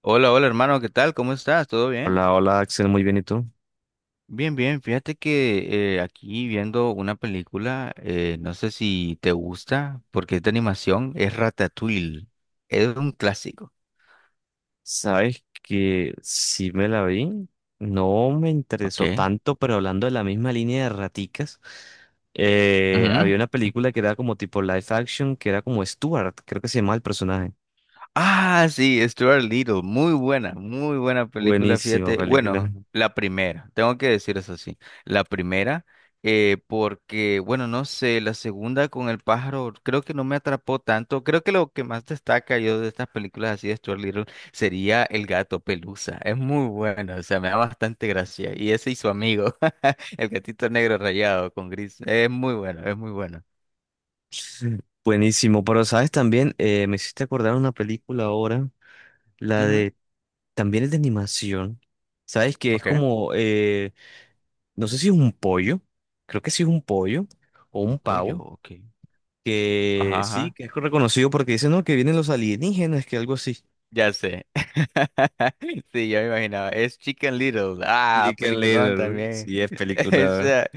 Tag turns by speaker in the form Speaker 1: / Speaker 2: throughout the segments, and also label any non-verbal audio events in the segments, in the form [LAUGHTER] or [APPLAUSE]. Speaker 1: Hola, hola hermano, ¿qué tal? ¿Cómo estás? ¿Todo bien?
Speaker 2: Hola, hola Axel, muy bien, ¿y tú?
Speaker 1: Bien, bien. Fíjate que aquí viendo una película, no sé si te gusta, porque es de animación, es Ratatouille. Es un clásico,
Speaker 2: Sabes que sí me la vi, no me interesó
Speaker 1: ok.
Speaker 2: tanto, pero hablando de la misma línea de raticas,
Speaker 1: Ujú.
Speaker 2: había una película que era como tipo live action, que era como Stuart, creo que se llamaba el personaje.
Speaker 1: Ah, sí, Stuart Little, muy buena película,
Speaker 2: Buenísima
Speaker 1: fíjate.
Speaker 2: película.
Speaker 1: Bueno, la primera, tengo que decir eso sí, la primera, porque, bueno, no sé, la segunda con el pájaro, creo que no me atrapó tanto. Creo que lo que más destaca yo de estas películas así de Stuart Little sería el gato Pelusa. Es muy bueno, o sea, me da bastante gracia. Y ese y su amigo, [LAUGHS] el gatito negro rayado con gris, es muy bueno, es muy bueno.
Speaker 2: [LAUGHS] Buenísimo, pero sabes también, me hiciste acordar una película ahora, la
Speaker 1: Ujú.
Speaker 2: de, también es de animación, sabes que es
Speaker 1: Ok.
Speaker 2: como, no sé si es un pollo, creo que sí es un pollo o
Speaker 1: Un
Speaker 2: un
Speaker 1: pollo,
Speaker 2: pavo
Speaker 1: ok.
Speaker 2: que
Speaker 1: Ajá,
Speaker 2: sí,
Speaker 1: ajá.
Speaker 2: que es reconocido porque dicen, no, que vienen los alienígenas, que algo así.
Speaker 1: Ya sé. [LAUGHS] Sí, yo me imaginaba. Es Chicken Little. Ah,
Speaker 2: Chicken
Speaker 1: peliculón
Speaker 2: Little,
Speaker 1: también.
Speaker 2: sí, es
Speaker 1: [LAUGHS]
Speaker 2: película.
Speaker 1: Esa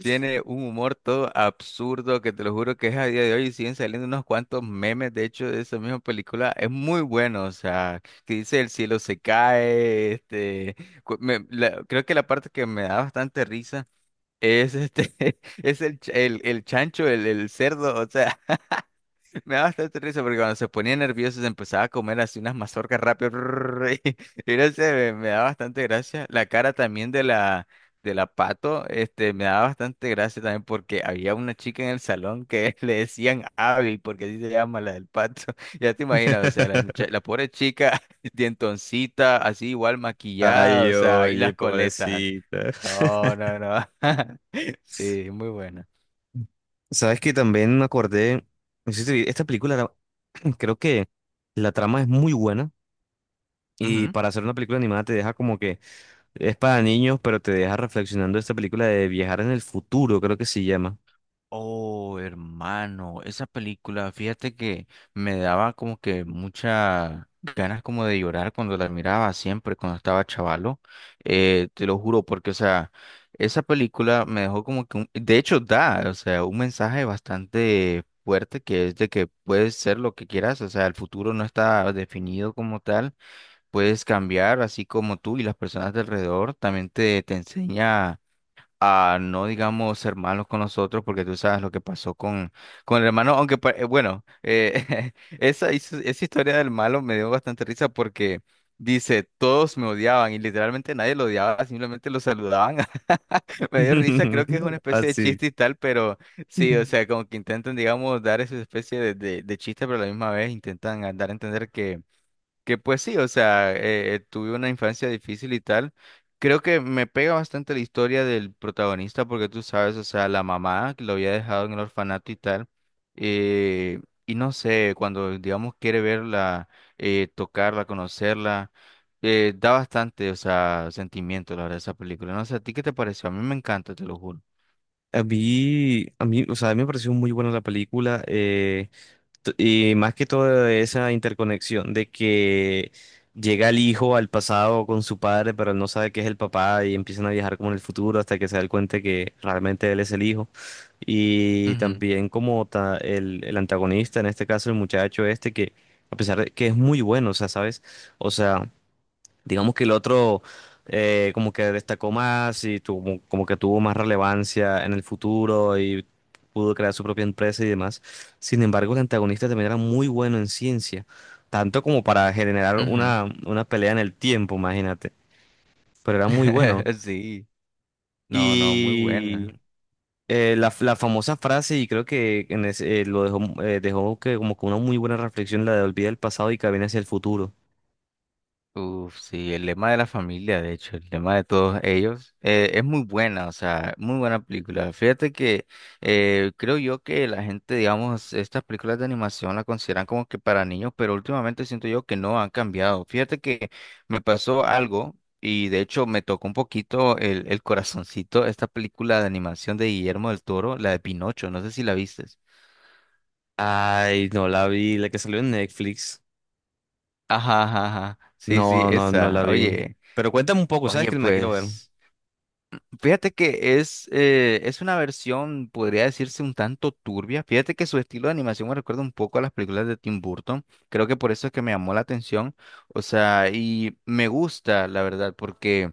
Speaker 1: tiene un humor todo absurdo que te lo juro que es a día de hoy. Y siguen saliendo unos cuantos memes, de hecho, de esa misma película. Es muy bueno. O sea, que dice el cielo se cae. Creo que la parte que me da bastante risa. Es este, [LAUGHS] es el chancho, el cerdo, o sea, me da bastante risa porque cuando se ponía nervioso se empezaba a comer así unas mazorcas rápido. [LAUGHS] Y, y no sé, me da bastante gracia. La cara también de la pato, este, me daba bastante gracia también porque había una chica en el salón que [LAUGHS] le decían Abby, porque así se llama la del pato. [LAUGHS] Ya te imaginas, o sea,
Speaker 2: [LAUGHS]
Speaker 1: la pobre chica, [LAUGHS] dientoncita, así igual maquillada,
Speaker 2: Ay,
Speaker 1: o sea, y
Speaker 2: oye,
Speaker 1: las coletas.
Speaker 2: pobrecita.
Speaker 1: No,
Speaker 2: [LAUGHS]
Speaker 1: no, no. [LAUGHS] Sí, muy buena.
Speaker 2: Sabes que también me acordé, no sé si te vi- esta [CLEARS THROAT] creo que la trama es muy buena y
Speaker 1: Ujú.
Speaker 2: para hacer una película animada te deja como que es para niños, pero te deja reflexionando esta película de viajar en el futuro, creo que se llama.
Speaker 1: Oh, hermano, esa película, fíjate que me daba como que muchas ganas como de llorar cuando la miraba siempre, cuando estaba chavalo, te lo juro, porque, o sea, esa película me dejó como que, de hecho, da, o sea, un mensaje bastante fuerte que es de que puedes ser lo que quieras, o sea, el futuro no está definido como tal, puedes cambiar, así como tú y las personas de alrededor, también te enseña a no, digamos, ser malos con nosotros, porque tú sabes lo que pasó con el hermano, aunque, bueno, [LAUGHS] esa, esa historia del malo me dio bastante risa porque dice, todos me odiaban y literalmente nadie lo odiaba, simplemente lo saludaban. [LAUGHS] Me dio risa, creo que es una
Speaker 2: [LAUGHS]
Speaker 1: especie de
Speaker 2: Así.
Speaker 1: chiste y tal, pero sí, o sea, como que intentan, digamos, dar esa especie de chiste, pero a la misma vez intentan dar a entender que pues sí, o sea, tuve una infancia difícil y tal. Creo que me pega bastante la historia del protagonista porque tú sabes, o sea, la mamá que lo había dejado en el orfanato y tal. eh, y no sé, cuando, digamos, quiere verla, tocarla, conocerla, da bastante, o sea, sentimiento, la verdad, esa película. No sé, ¿a ti qué te pareció? A mí me encanta, te lo juro.
Speaker 2: A mí me pareció muy buena la película, y más que todo esa interconexión de que llega el hijo al pasado con su padre, pero él no sabe que es el papá y empiezan a viajar como en el futuro hasta que se da cuenta que realmente él es el hijo. Y
Speaker 1: Ujú,
Speaker 2: también como el antagonista, en este caso el muchacho este, que a pesar de que es muy bueno, o sea, ¿sabes? O sea... Digamos que el otro, como que destacó más y tuvo, como que tuvo más relevancia en el futuro y pudo crear su propia empresa y demás. Sin embargo, el antagonista también era muy bueno en ciencia, tanto como para generar
Speaker 1: ujú.
Speaker 2: una pelea en el tiempo, imagínate. Pero era muy bueno.
Speaker 1: [LAUGHS] Sí, no, no, muy
Speaker 2: Y
Speaker 1: buena.
Speaker 2: eh, la, la famosa frase, y creo que en lo dejó, dejó que como que una muy buena reflexión, la de olvida el pasado y camina hacia el futuro.
Speaker 1: Uf, sí, el lema de la familia, de hecho, el lema de todos ellos, es muy buena, o sea, muy buena película. Fíjate que creo yo que la gente, digamos, estas películas de animación la consideran como que para niños, pero últimamente siento yo que no han cambiado. Fíjate que me pasó algo y de hecho me tocó un poquito el corazoncito esta película de animación de Guillermo del Toro, la de Pinocho, no sé si la vistes.
Speaker 2: Ay, no la vi, la que salió en Netflix.
Speaker 1: Ajá, ajá, ajá. Sí, sí,
Speaker 2: No, no,
Speaker 1: esa.
Speaker 2: la vi.
Speaker 1: Oye,
Speaker 2: Pero cuéntame un poco, ¿sabes
Speaker 1: oye,
Speaker 2: que me la quiero ver?
Speaker 1: pues. Fíjate que es una versión, podría decirse, un tanto turbia. Fíjate que su estilo de animación me recuerda un poco a las películas de Tim Burton. Creo que por eso es que me llamó la atención. O sea, y me gusta, la verdad, porque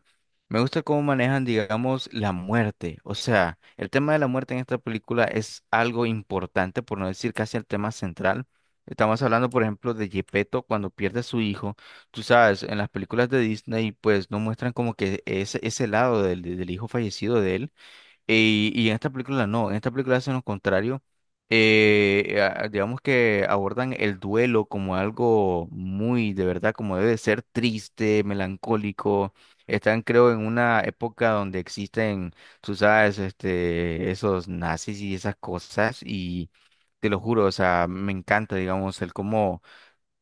Speaker 1: me gusta cómo manejan, digamos, la muerte. O sea, el tema de la muerte en esta película es algo importante, por no decir casi el tema central. Estamos hablando, por ejemplo, de Gepetto cuando pierde a su hijo. Tú sabes, en las películas de Disney, pues no muestran como que ese lado del, del hijo fallecido de él. Y en esta película no, en esta película hacen lo contrario. Digamos que abordan el duelo como algo muy, de verdad, como debe de ser triste, melancólico. Están, creo, en una época donde existen, tú sabes, este, esos nazis y esas cosas. Y te lo juro, o sea, me encanta, digamos, el cómo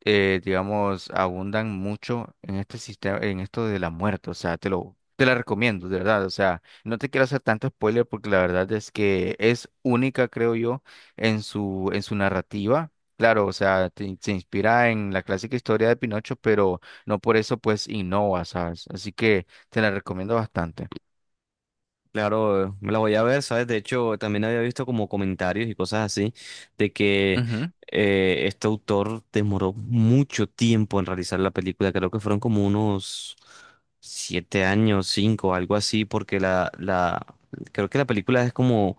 Speaker 1: digamos, abundan mucho en este sistema, en esto de la muerte. O sea, te lo, te la recomiendo, de verdad. O sea, no te quiero hacer tanto spoiler porque la verdad es que es única, creo yo, en su narrativa. Claro, o sea, se inspira en la clásica historia de Pinocho, pero no por eso pues innova, ¿sabes? Así que te la recomiendo bastante.
Speaker 2: Claro, me la voy a ver, ¿sabes? De hecho, también había visto como comentarios y cosas así de que este autor demoró mucho tiempo en realizar la película. Creo que fueron como unos 7 años, 5, algo así, porque creo que la película es como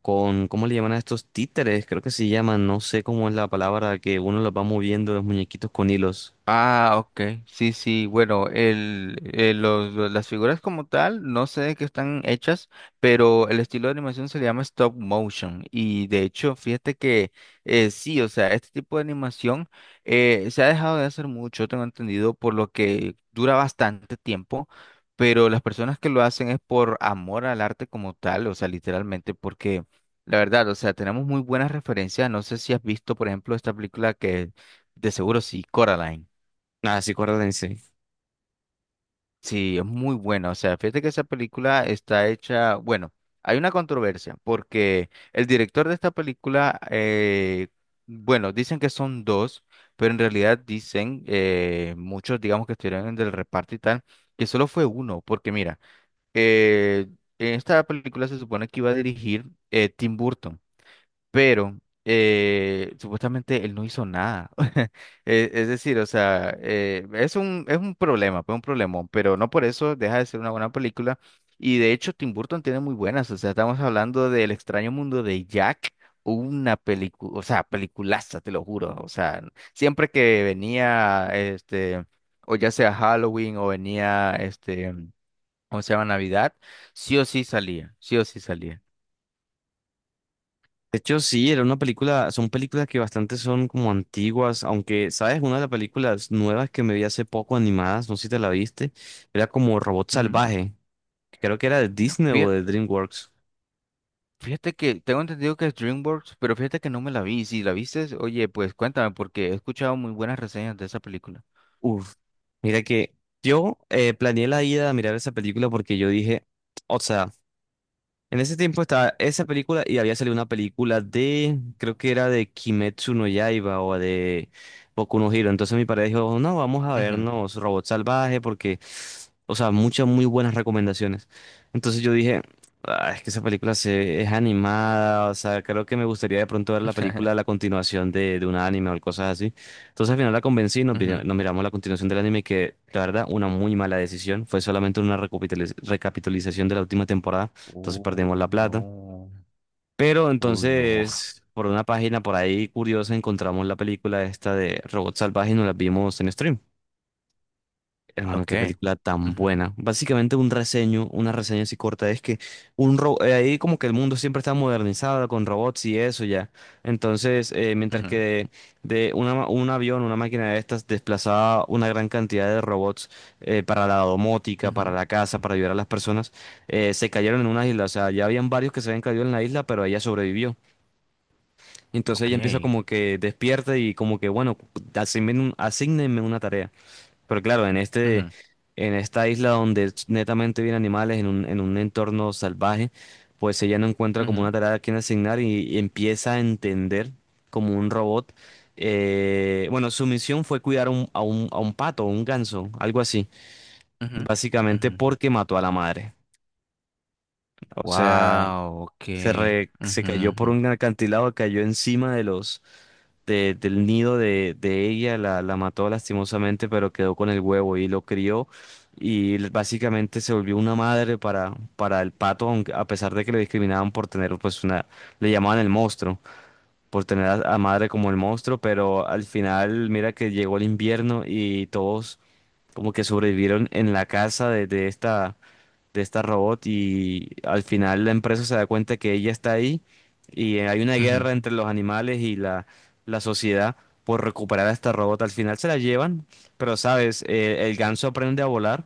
Speaker 2: con, ¿cómo le llaman a estos títeres? Creo que se llaman, no sé cómo es la palabra, que uno los va moviendo los muñequitos con hilos.
Speaker 1: Ah, ok. Sí, sí. Bueno, el, las figuras como tal, no sé de qué están hechas, pero el estilo de animación se le llama stop motion. Y de hecho, fíjate que sí, o sea, este tipo de animación se ha dejado de hacer mucho, tengo entendido, por lo que dura bastante tiempo. Pero las personas que lo hacen es por amor al arte como tal, o sea, literalmente, porque la verdad, o sea, tenemos muy buenas referencias. No sé si has visto, por ejemplo, esta película que de seguro sí, Coraline.
Speaker 2: Ah, sí, acuérdense.
Speaker 1: Sí, es muy buena. O sea, fíjate que esa película está hecha, bueno, hay una controversia porque el director de esta película, bueno, dicen que son dos, pero en realidad dicen muchos, digamos, que estuvieron en el reparto y tal, que solo fue uno, porque mira, eh, en esta película se supone que iba a dirigir Tim Burton, pero supuestamente él no hizo nada. [LAUGHS] Es decir, o sea, es un problema, pues un problemón, pero no por eso deja de ser una buena película. Y de hecho, Tim Burton tiene muy buenas, o sea, estamos hablando del extraño mundo de Jack. Una película, o sea, peliculaza, te lo juro. O sea, siempre que venía, este, o ya sea Halloween o venía, este, o sea, Navidad, sí o sí salía, sí o sí salía.
Speaker 2: De hecho, sí, era una película, son películas que bastante son como antiguas, aunque, ¿sabes? Una de las películas nuevas que me vi hace poco animadas, no sé si te la viste, era como Robot
Speaker 1: Ujú.
Speaker 2: Salvaje, que creo que era de Disney o
Speaker 1: Fí-
Speaker 2: de DreamWorks.
Speaker 1: Fíjate que tengo entendido que es DreamWorks, pero fíjate que no me la vi. Si la viste, oye, pues cuéntame, porque he escuchado muy buenas reseñas de esa película.
Speaker 2: Uf, mira que yo planeé la ida a mirar esa película porque yo dije, o sea, en ese tiempo estaba esa película y había salido una película de, creo que era de Kimetsu no Yaiba o de Boku no Hero. Entonces mi padre dijo, no, vamos a
Speaker 1: Ujú,
Speaker 2: vernos Robot Salvaje porque, o sea, muchas muy buenas recomendaciones. Entonces yo dije, "Ah, es que esa es animada, o sea, creo que me gustaría de pronto ver la película, la
Speaker 1: [LAUGHS]
Speaker 2: continuación de un anime o cosas así". Entonces al final la convencí y
Speaker 1: ujú.
Speaker 2: nos miramos la continuación del anime que, la verdad, una muy mala decisión. Fue solamente una recapitalización de la última temporada. Entonces perdimos
Speaker 1: Uy,
Speaker 2: la plata.
Speaker 1: no.
Speaker 2: Pero
Speaker 1: Uy, no. [LAUGHS]
Speaker 2: entonces, por una página por ahí curiosa, encontramos la película esta de Robot Salvaje y nos la vimos en stream. Hermano,
Speaker 1: Ok,
Speaker 2: qué película tan
Speaker 1: ujú,
Speaker 2: buena. Básicamente una reseña así corta, es que ahí como que el mundo siempre está modernizado con robots y eso ya. Entonces, eh, mientras
Speaker 1: ujú,
Speaker 2: que de, de una ma- un avión, una máquina de estas desplazaba una gran cantidad de robots para la domótica, para
Speaker 1: ujú,
Speaker 2: la casa, para ayudar a las personas, se cayeron en una isla. O sea, ya habían varios que se habían caído en la isla, pero ella sobrevivió. Entonces ella
Speaker 1: ok.
Speaker 2: empieza como que despierta y como que, bueno, asígnenme asignenme una tarea. Pero claro,
Speaker 1: Ujú,
Speaker 2: en esta isla donde es netamente viven animales, en un entorno salvaje, pues ella no encuentra como
Speaker 1: ujú,
Speaker 2: una tarea a quien asignar y empieza a entender como un robot. Eh, bueno, su misión fue cuidar a un pato, un ganso, algo así,
Speaker 1: ujú, ujú,
Speaker 2: básicamente
Speaker 1: ujú.
Speaker 2: porque mató a la madre. O sea,
Speaker 1: Wow, ok.
Speaker 2: se cayó por
Speaker 1: Ujú,
Speaker 2: un acantilado, cayó encima de del nido de ella, la mató lastimosamente, pero quedó con el huevo y lo crió y básicamente se volvió una madre para el pato, aunque, a pesar de que le discriminaban por le llamaban el monstruo, por tener a madre como el monstruo, pero al final mira que llegó el invierno y todos como que sobrevivieron en la casa de esta robot y al final la empresa se da cuenta que ella está ahí y hay una
Speaker 1: ujú,
Speaker 2: guerra entre los animales y la sociedad por recuperar a esta robot. Al final se la llevan, pero sabes, eh, el ganso aprende a volar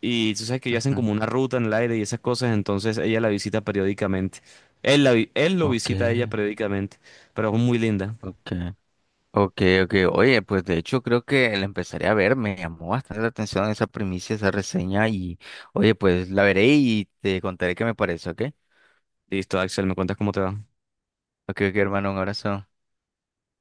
Speaker 2: y tú sabes que ellos hacen
Speaker 1: ujú, ujú.
Speaker 2: como una ruta en el aire y esas cosas, entonces ella la visita periódicamente. Él lo
Speaker 1: Ok,
Speaker 2: visita a ella periódicamente, pero es muy linda.
Speaker 1: ok. Ok, ok. Oye, pues de hecho creo que la empezaré a ver. Me llamó bastante la atención esa primicia, esa reseña y oye, pues la veré y te contaré qué me parece, ¿ok?
Speaker 2: Listo, Axel, ¿me cuentas cómo te va?
Speaker 1: Ok, ok, hermano, un abrazo.